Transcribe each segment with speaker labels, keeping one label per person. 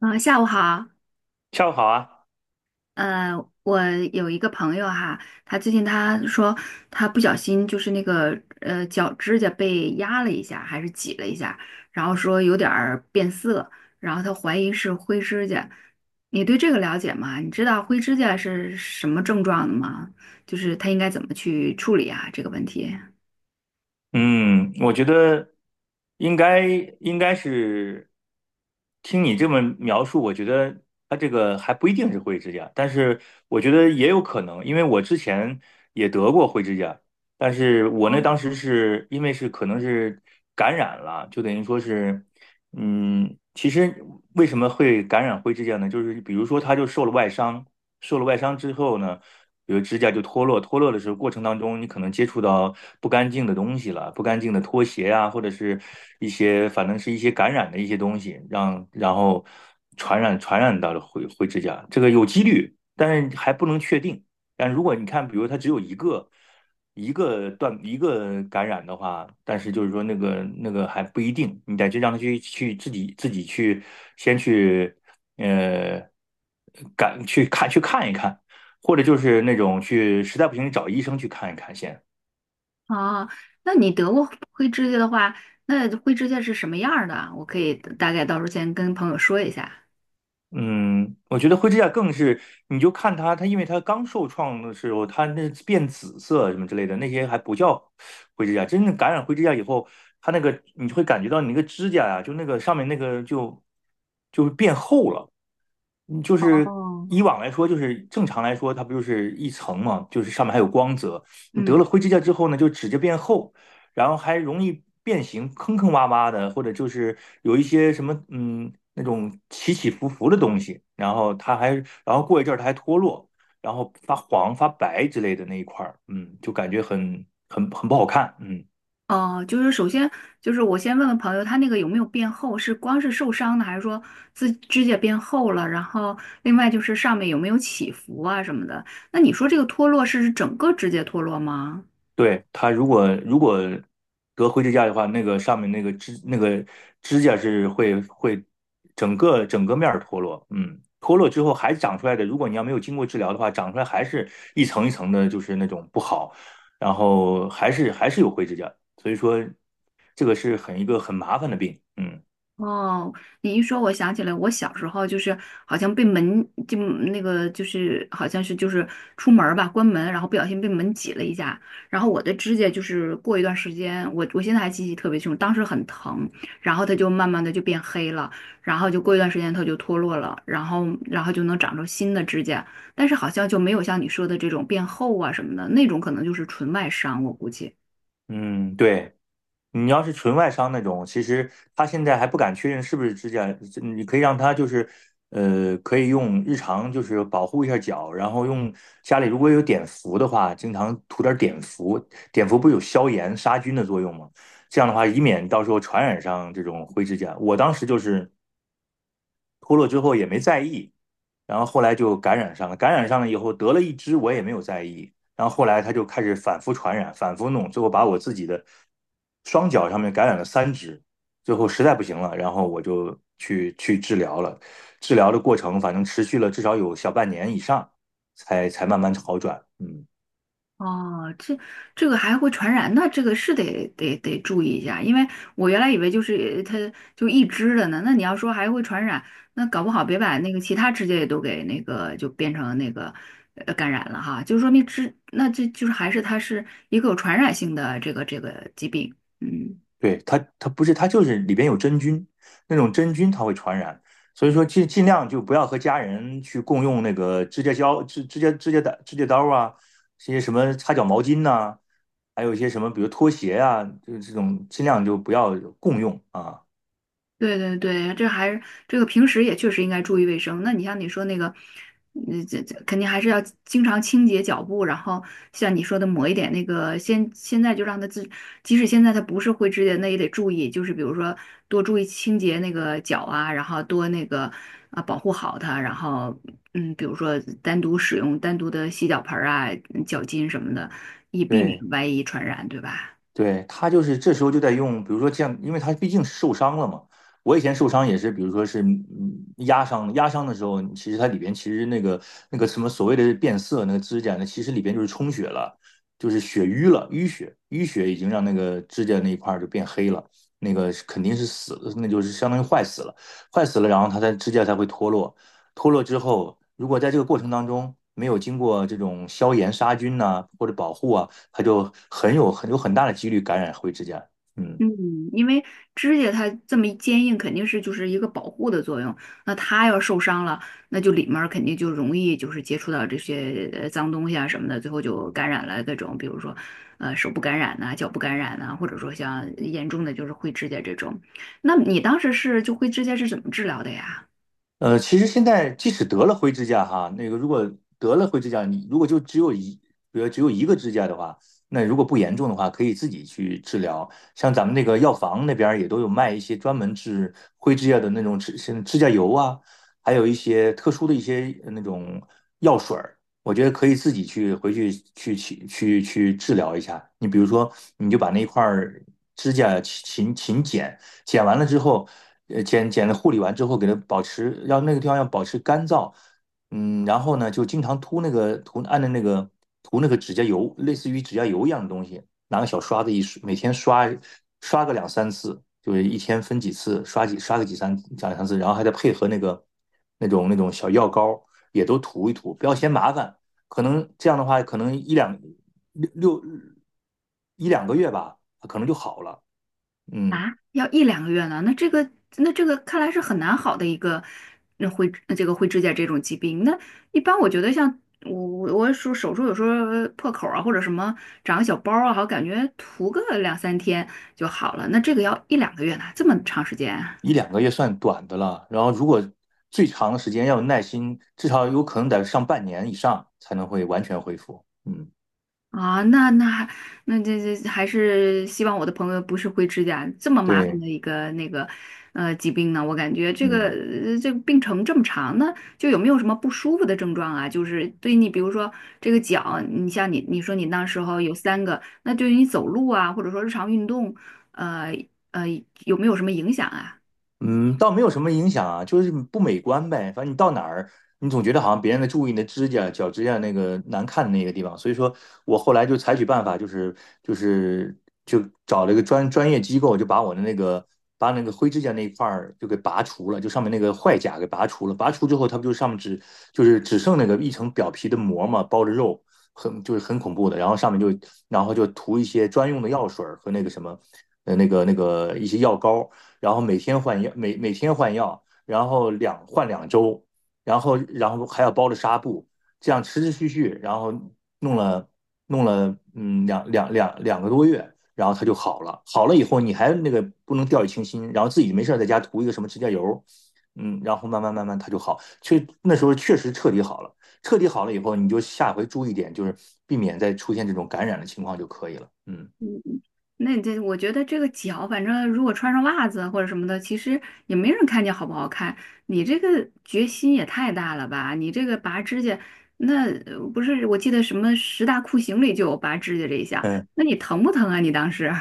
Speaker 1: 啊，下午好。
Speaker 2: 下午好啊，
Speaker 1: 呃，我有一个朋友哈，他最近说他不小心就是那个脚指甲被压了一下，还是挤了一下，然后说有点儿变色，然后他怀疑是灰指甲。你对这个了解吗？你知道灰指甲是什么症状的吗？就是他应该怎么去处理啊这个问题？
Speaker 2: 嗯，我觉得应该应该是听你这么描述，我觉得他这个还不一定是灰指甲，但是我觉得也有可能，因为我之前也得过灰指甲，但是我那当时是因为是可能是感染了，就等于说是。其实为什么会感染灰指甲呢？就是比如说，它就受了外伤，受了外伤之后呢，比如指甲就脱落，脱落的时候过程当中，你可能接触到不干净的东西了，不干净的拖鞋啊，或者是一些反正是一些感染的一些东西，然后传染到了灰指甲，这个有几率，但是还不能确定。但如果你看，比如它只有一个。一个断一个感染的话，但是就是说那个还不一定，你得去让他去自己自己去呃感去看一看，或者就是那种去实在不行找医生去看一看先。
Speaker 1: 哦，那你得过灰指甲的话，那灰指甲是什么样儿的？我可以大概到时候先跟朋友说一下。
Speaker 2: 嗯，我觉得灰指甲更是，你就看它，它因为它刚受创的时候，它那变紫色什么之类的，那些还不叫灰指甲。真正感染灰指甲以后，它那个你会感觉到你那个指甲呀、就那个上面那个就变厚了。就是
Speaker 1: 哦，
Speaker 2: 以往来说，就是正常来说，它不就是一层嘛，就是上面还有光泽。你得
Speaker 1: 嗯。
Speaker 2: 了灰指甲之后呢，就指甲变厚，然后还容易变形，坑坑洼洼的，或者就是有一些什么那种起起伏伏的东西，然后它还然后过一阵儿它还脱落，然后发黄发白之类的那一块儿，就感觉很不好看。
Speaker 1: 哦，就是首先就是我先问问朋友，他那个有没有变厚？是光是受伤的，还是说自指甲变厚了？然后另外就是上面有没有起伏啊什么的？那你说这个脱落是指整个指甲脱落吗？
Speaker 2: 对，它如果得灰指甲的话，那个上面那个指甲是会整个整个面儿脱落，嗯，脱落之后还长出来的，如果你要没有经过治疗的话，长出来还是一层一层的，就是那种不好，然后还是有灰指甲，所以说这个是一个很麻烦的病，嗯
Speaker 1: 哦，你一说，我想起来，我小时候就是好像被门就那个就是好像是就是出门儿吧，关门，然后不小心被门挤了一下，然后我的指甲就是过一段时间，我现在还记忆特别清楚，当时很疼，然后它就慢慢的就变黑了，然后就过一段时间它就脱落了，然后就能长出新的指甲，但是好像就没有像你说的这种变厚啊什么的，那种可能就是纯外伤，我估计。
Speaker 2: 嗯，对。你要是纯外伤那种，其实他现在还不敢确认是不是指甲，你可以让他就是，可以用日常就是保护一下脚，然后用家里如果有碘伏的话，经常涂点碘伏，碘伏不是有消炎杀菌的作用吗？这样的话，以免到时候传染上这种灰指甲。我当时就是脱落之后也没在意，然后后来就感染上了，感染上了以后得了一只，我也没有在意，然后后来他就开始反复传染，反复弄，最后把我自己的双脚上面感染了3只，最后实在不行了，然后我就去治疗了，治疗的过程反正持续了至少有小半年以上，才慢慢好转。
Speaker 1: 哦，这个还会传染，那这个是得注意一下，因为我原来以为就是它就一只的呢，那你要说还会传染，那搞不好别把那个其他指甲也都给那个就变成那个感染了哈，就说明只那这就是还是它是一个有传染性的这个疾病，嗯。
Speaker 2: 对，它不是，它就是里边有真菌，那种真菌它会传染，所以说尽量就不要和家人去共用那个指甲胶、指甲刀啊，这些什么擦脚毛巾呐、还有一些什么，比如拖鞋啊，就是这种尽量就不要共用啊。
Speaker 1: 对对对，这还是这个平时也确实应该注意卫生。那你像你说那个，嗯，这这肯定还是要经常清洁脚部，然后像你说的抹一点那个，现在就让他自，即使现在他不是灰指甲，那也得注意，就是比如说多注意清洁那个脚啊，然后多那个啊保护好它，然后嗯，比如说单独使用单独的洗脚盆儿啊、嗯脚巾什么的，以避免
Speaker 2: 对，
Speaker 1: 外一传染，对吧？
Speaker 2: 对，他就是这时候就在用，比如说这样，因为他毕竟受伤了嘛。我以前受伤也是，比如说是压伤，的时候，其实它里边其实那个什么所谓的变色那个指甲呢，其实里边就是充血了，就是血瘀了，淤血已经让那个指甲那一块儿就变黑了，那个是肯定是死了，那就是相当于坏死了，然后指甲才会脱落。脱落之后，如果在这个过程当中没有经过这种消炎杀菌呐、或者保护啊，它就很大的几率感染灰指甲。嗯。
Speaker 1: 嗯，因为指甲它这么一坚硬，肯定是就是一个保护的作用。那它要受伤了，那就里面儿肯定就容易就是接触到这些脏东西啊什么的，最后就感染了各种，比如说手部感染呐、脚部感染呐、或者说像严重的就是灰指甲这种。那你当时是就灰指甲是怎么治疗的呀？
Speaker 2: 其实现在即使得了灰指甲哈，那个如果得了灰指甲，你如果就只有一，比如只有一个指甲的话，那如果不严重的话，可以自己去治疗。像咱们那个药房那边儿也都有卖一些专门治灰指甲的那种像指甲油啊，还有一些特殊的一些那种药水儿，我觉得可以自己回去治疗一下。你比如说，你就把那一块儿指甲勤剪。剪完了之后，剪了护理完之后，给它保持，要那个地方要保持干燥，然后呢，就经常涂那个涂按着那个涂那个指甲油，类似于指甲油一样的东西，拿个小刷子一刷，每天刷个两三次，就是一天分几次，刷个三两三次，然后还得配合那个那种小药膏，也都涂一涂，不要嫌麻烦，可能这样的话，可能六六一两个月吧，可能就好了，嗯。
Speaker 1: 啊，要一两个月呢？那这个，那这个看来是很难好的一个，那灰这个灰指甲这种疾病。那一般我觉得像我手术有时候破口啊，或者什么长个小包啊，好感觉涂个两三天就好了。那这个要一两个月呢，这么长时间啊？
Speaker 2: 一两个月算短的了，然后如果最长的时间要有耐心，至少有可能得上半年以上才能会完全恢复。嗯，
Speaker 1: 啊，那那还那这这还是希望我的朋友不是灰指甲这么麻烦
Speaker 2: 对，
Speaker 1: 的一个那个疾病呢。我感觉这个
Speaker 2: 嗯。
Speaker 1: 这个病程这么长呢，就有没有什么不舒服的症状啊？就是对你，比如说这个脚，你像你说你那时候有三个，那对于你走路啊，或者说日常运动，呃呃有没有什么影响啊？
Speaker 2: 嗯，倒没有什么影响啊，就是不美观呗。反正你到哪儿，你总觉得好像别人在注意你的指甲、脚指甲那个难看的那个地方。所以说我后来就采取办法，就是就找了一个专业机构，就把我的那个把那个灰指甲那一块儿就给拔除了，就上面那个坏甲给拔除了。拔除之后，它不就上面只就是只剩那个一层表皮的膜嘛，包着肉，很就是很恐怖的。然后上面就然后就涂一些专用的药水儿和那个什么那个一些药膏。然后每天换药，每天换药，然后2周，然后还要包着纱布，这样持持续续，然后弄了弄了两个多月，然后他就好了。好了以后，你还那个不能掉以轻心，然后自己没事在家涂一个什么指甲油，然后慢慢慢慢他就好。那时候确实彻底好了，彻底好了以后，你就下回注意点，就是避免再出现这种感染的情况就可以了。嗯
Speaker 1: 那你这，我觉得这个脚，反正如果穿上袜子或者什么的，其实也没人看见好不好看。你这个决心也太大了吧！你这个拔指甲，那不是我记得什么十大酷刑里就有拔指甲这一项，
Speaker 2: 嗯。
Speaker 1: 那你疼不疼啊？你当时？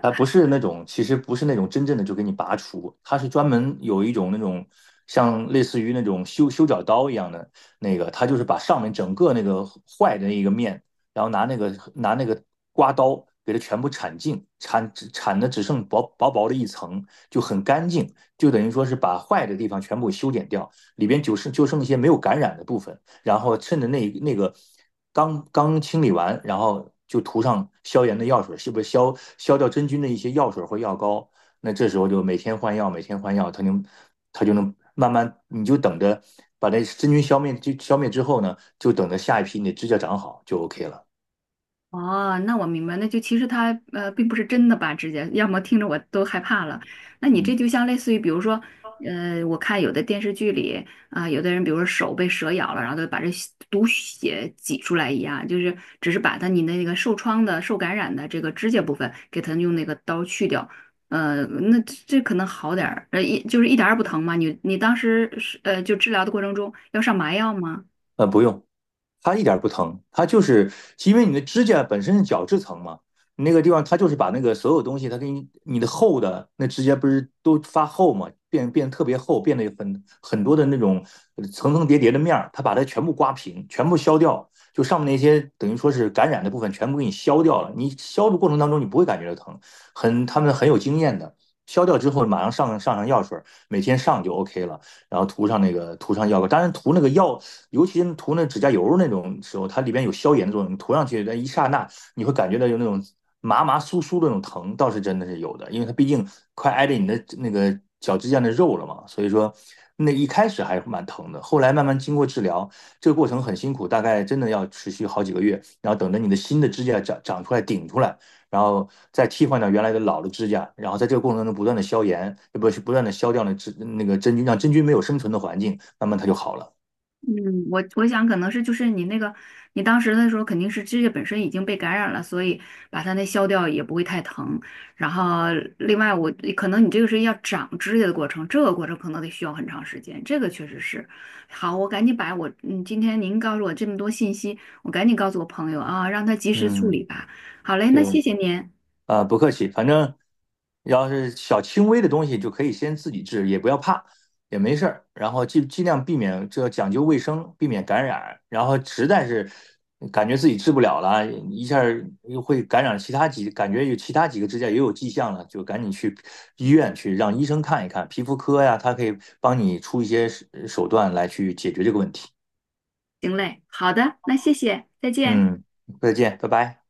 Speaker 2: 它不是那种，其实不是那种真正的就给你拔除，它是专门有一种那种像类似于那种修脚刀一样的那个，它就是把上面整个那个坏的那一个面，然后拿那个刮刀给它全部铲净，铲的只剩薄薄的一层，就很干净，就等于说是把坏的地方全部修剪掉，里边就剩一些没有感染的部分。然后趁着那个刚刚清理完，然后就涂上消炎的药水，是不是消掉真菌的一些药水或药膏？那这时候就每天换药，每天换药，它就能慢慢，你就等着把那真菌消灭，就消灭之后呢，就等着下一批你的指甲长好就 OK 了。
Speaker 1: 哦，那我明白，那就其实他，并不是真的拔指甲，要么听着我都害怕了。那你这
Speaker 2: 嗯。
Speaker 1: 就像类似于，比如说，呃，我看有的电视剧里啊、有的人比如说手被蛇咬了，然后就把这血毒血挤出来一样，就是只是把他你那个受创的、受感染的这个指甲部分给他用那个刀去掉。呃，那这这可能好点儿，呃，一就是一点儿也不疼嘛。你你当时是就治疗的过程中要上麻药吗？
Speaker 2: 不用，它一点儿不疼，它就是因为你的指甲本身是角质层嘛，你那个地方它就是把那个所有东西，它给你你的厚的那指甲不是都发厚嘛，变得特别厚，变得有很多的那种层层叠叠的面儿，它把它全部刮平，全部削掉，就上面那些等于说是感染的部分全部给你削掉了。你削的过程当中你不会感觉到疼，他们很有经验的，削掉之后马上上药水儿，每天上就 OK 了。然后涂上药膏。当然涂那个药，尤其涂那指甲油那种时候，它里边有消炎的作用，你涂上去那一刹那，你会感觉到有那种麻麻酥酥的那种疼，倒是真的是有的，因为它毕竟快挨着你的那个脚指甲的肉了嘛，所以说那一开始还蛮疼的，后来慢慢经过治疗，这个过程很辛苦，大概真的要持续好几个月，然后等着你的新的指甲长出来顶出来。然后再替换掉原来的老的指甲，然后在这个过程中不断的消炎，不是不断的消掉那个真菌，让真菌没有生存的环境，慢慢它就好了。
Speaker 1: 嗯，我想可能是就是你那个，你当时的时候肯定是指甲本身已经被感染了，所以把它那削掉也不会太疼。然后另外我可能你这个是要长指甲的过程，这个过程可能得需要很长时间，这个确实是。好，我赶紧把我嗯今天您告诉我这么多信息，我赶紧告诉我朋友啊，让他及时处理
Speaker 2: 嗯，
Speaker 1: 吧。好嘞，
Speaker 2: 对，
Speaker 1: 那谢谢您。
Speaker 2: 不客气，反正要是小轻微的东西就可以先自己治，也不要怕，也没事儿。然后尽量避免，这讲究卫生，避免感染。然后实在是感觉自己治不了了，一下儿又会感染其他几，感觉有其他几个指甲也有迹象了，就赶紧去医院去让医生看一看，皮肤科呀，他可以帮你出一些段来去解决这个问题。
Speaker 1: 行嘞，好的，那谢谢，再见。
Speaker 2: 嗯，再见，拜拜。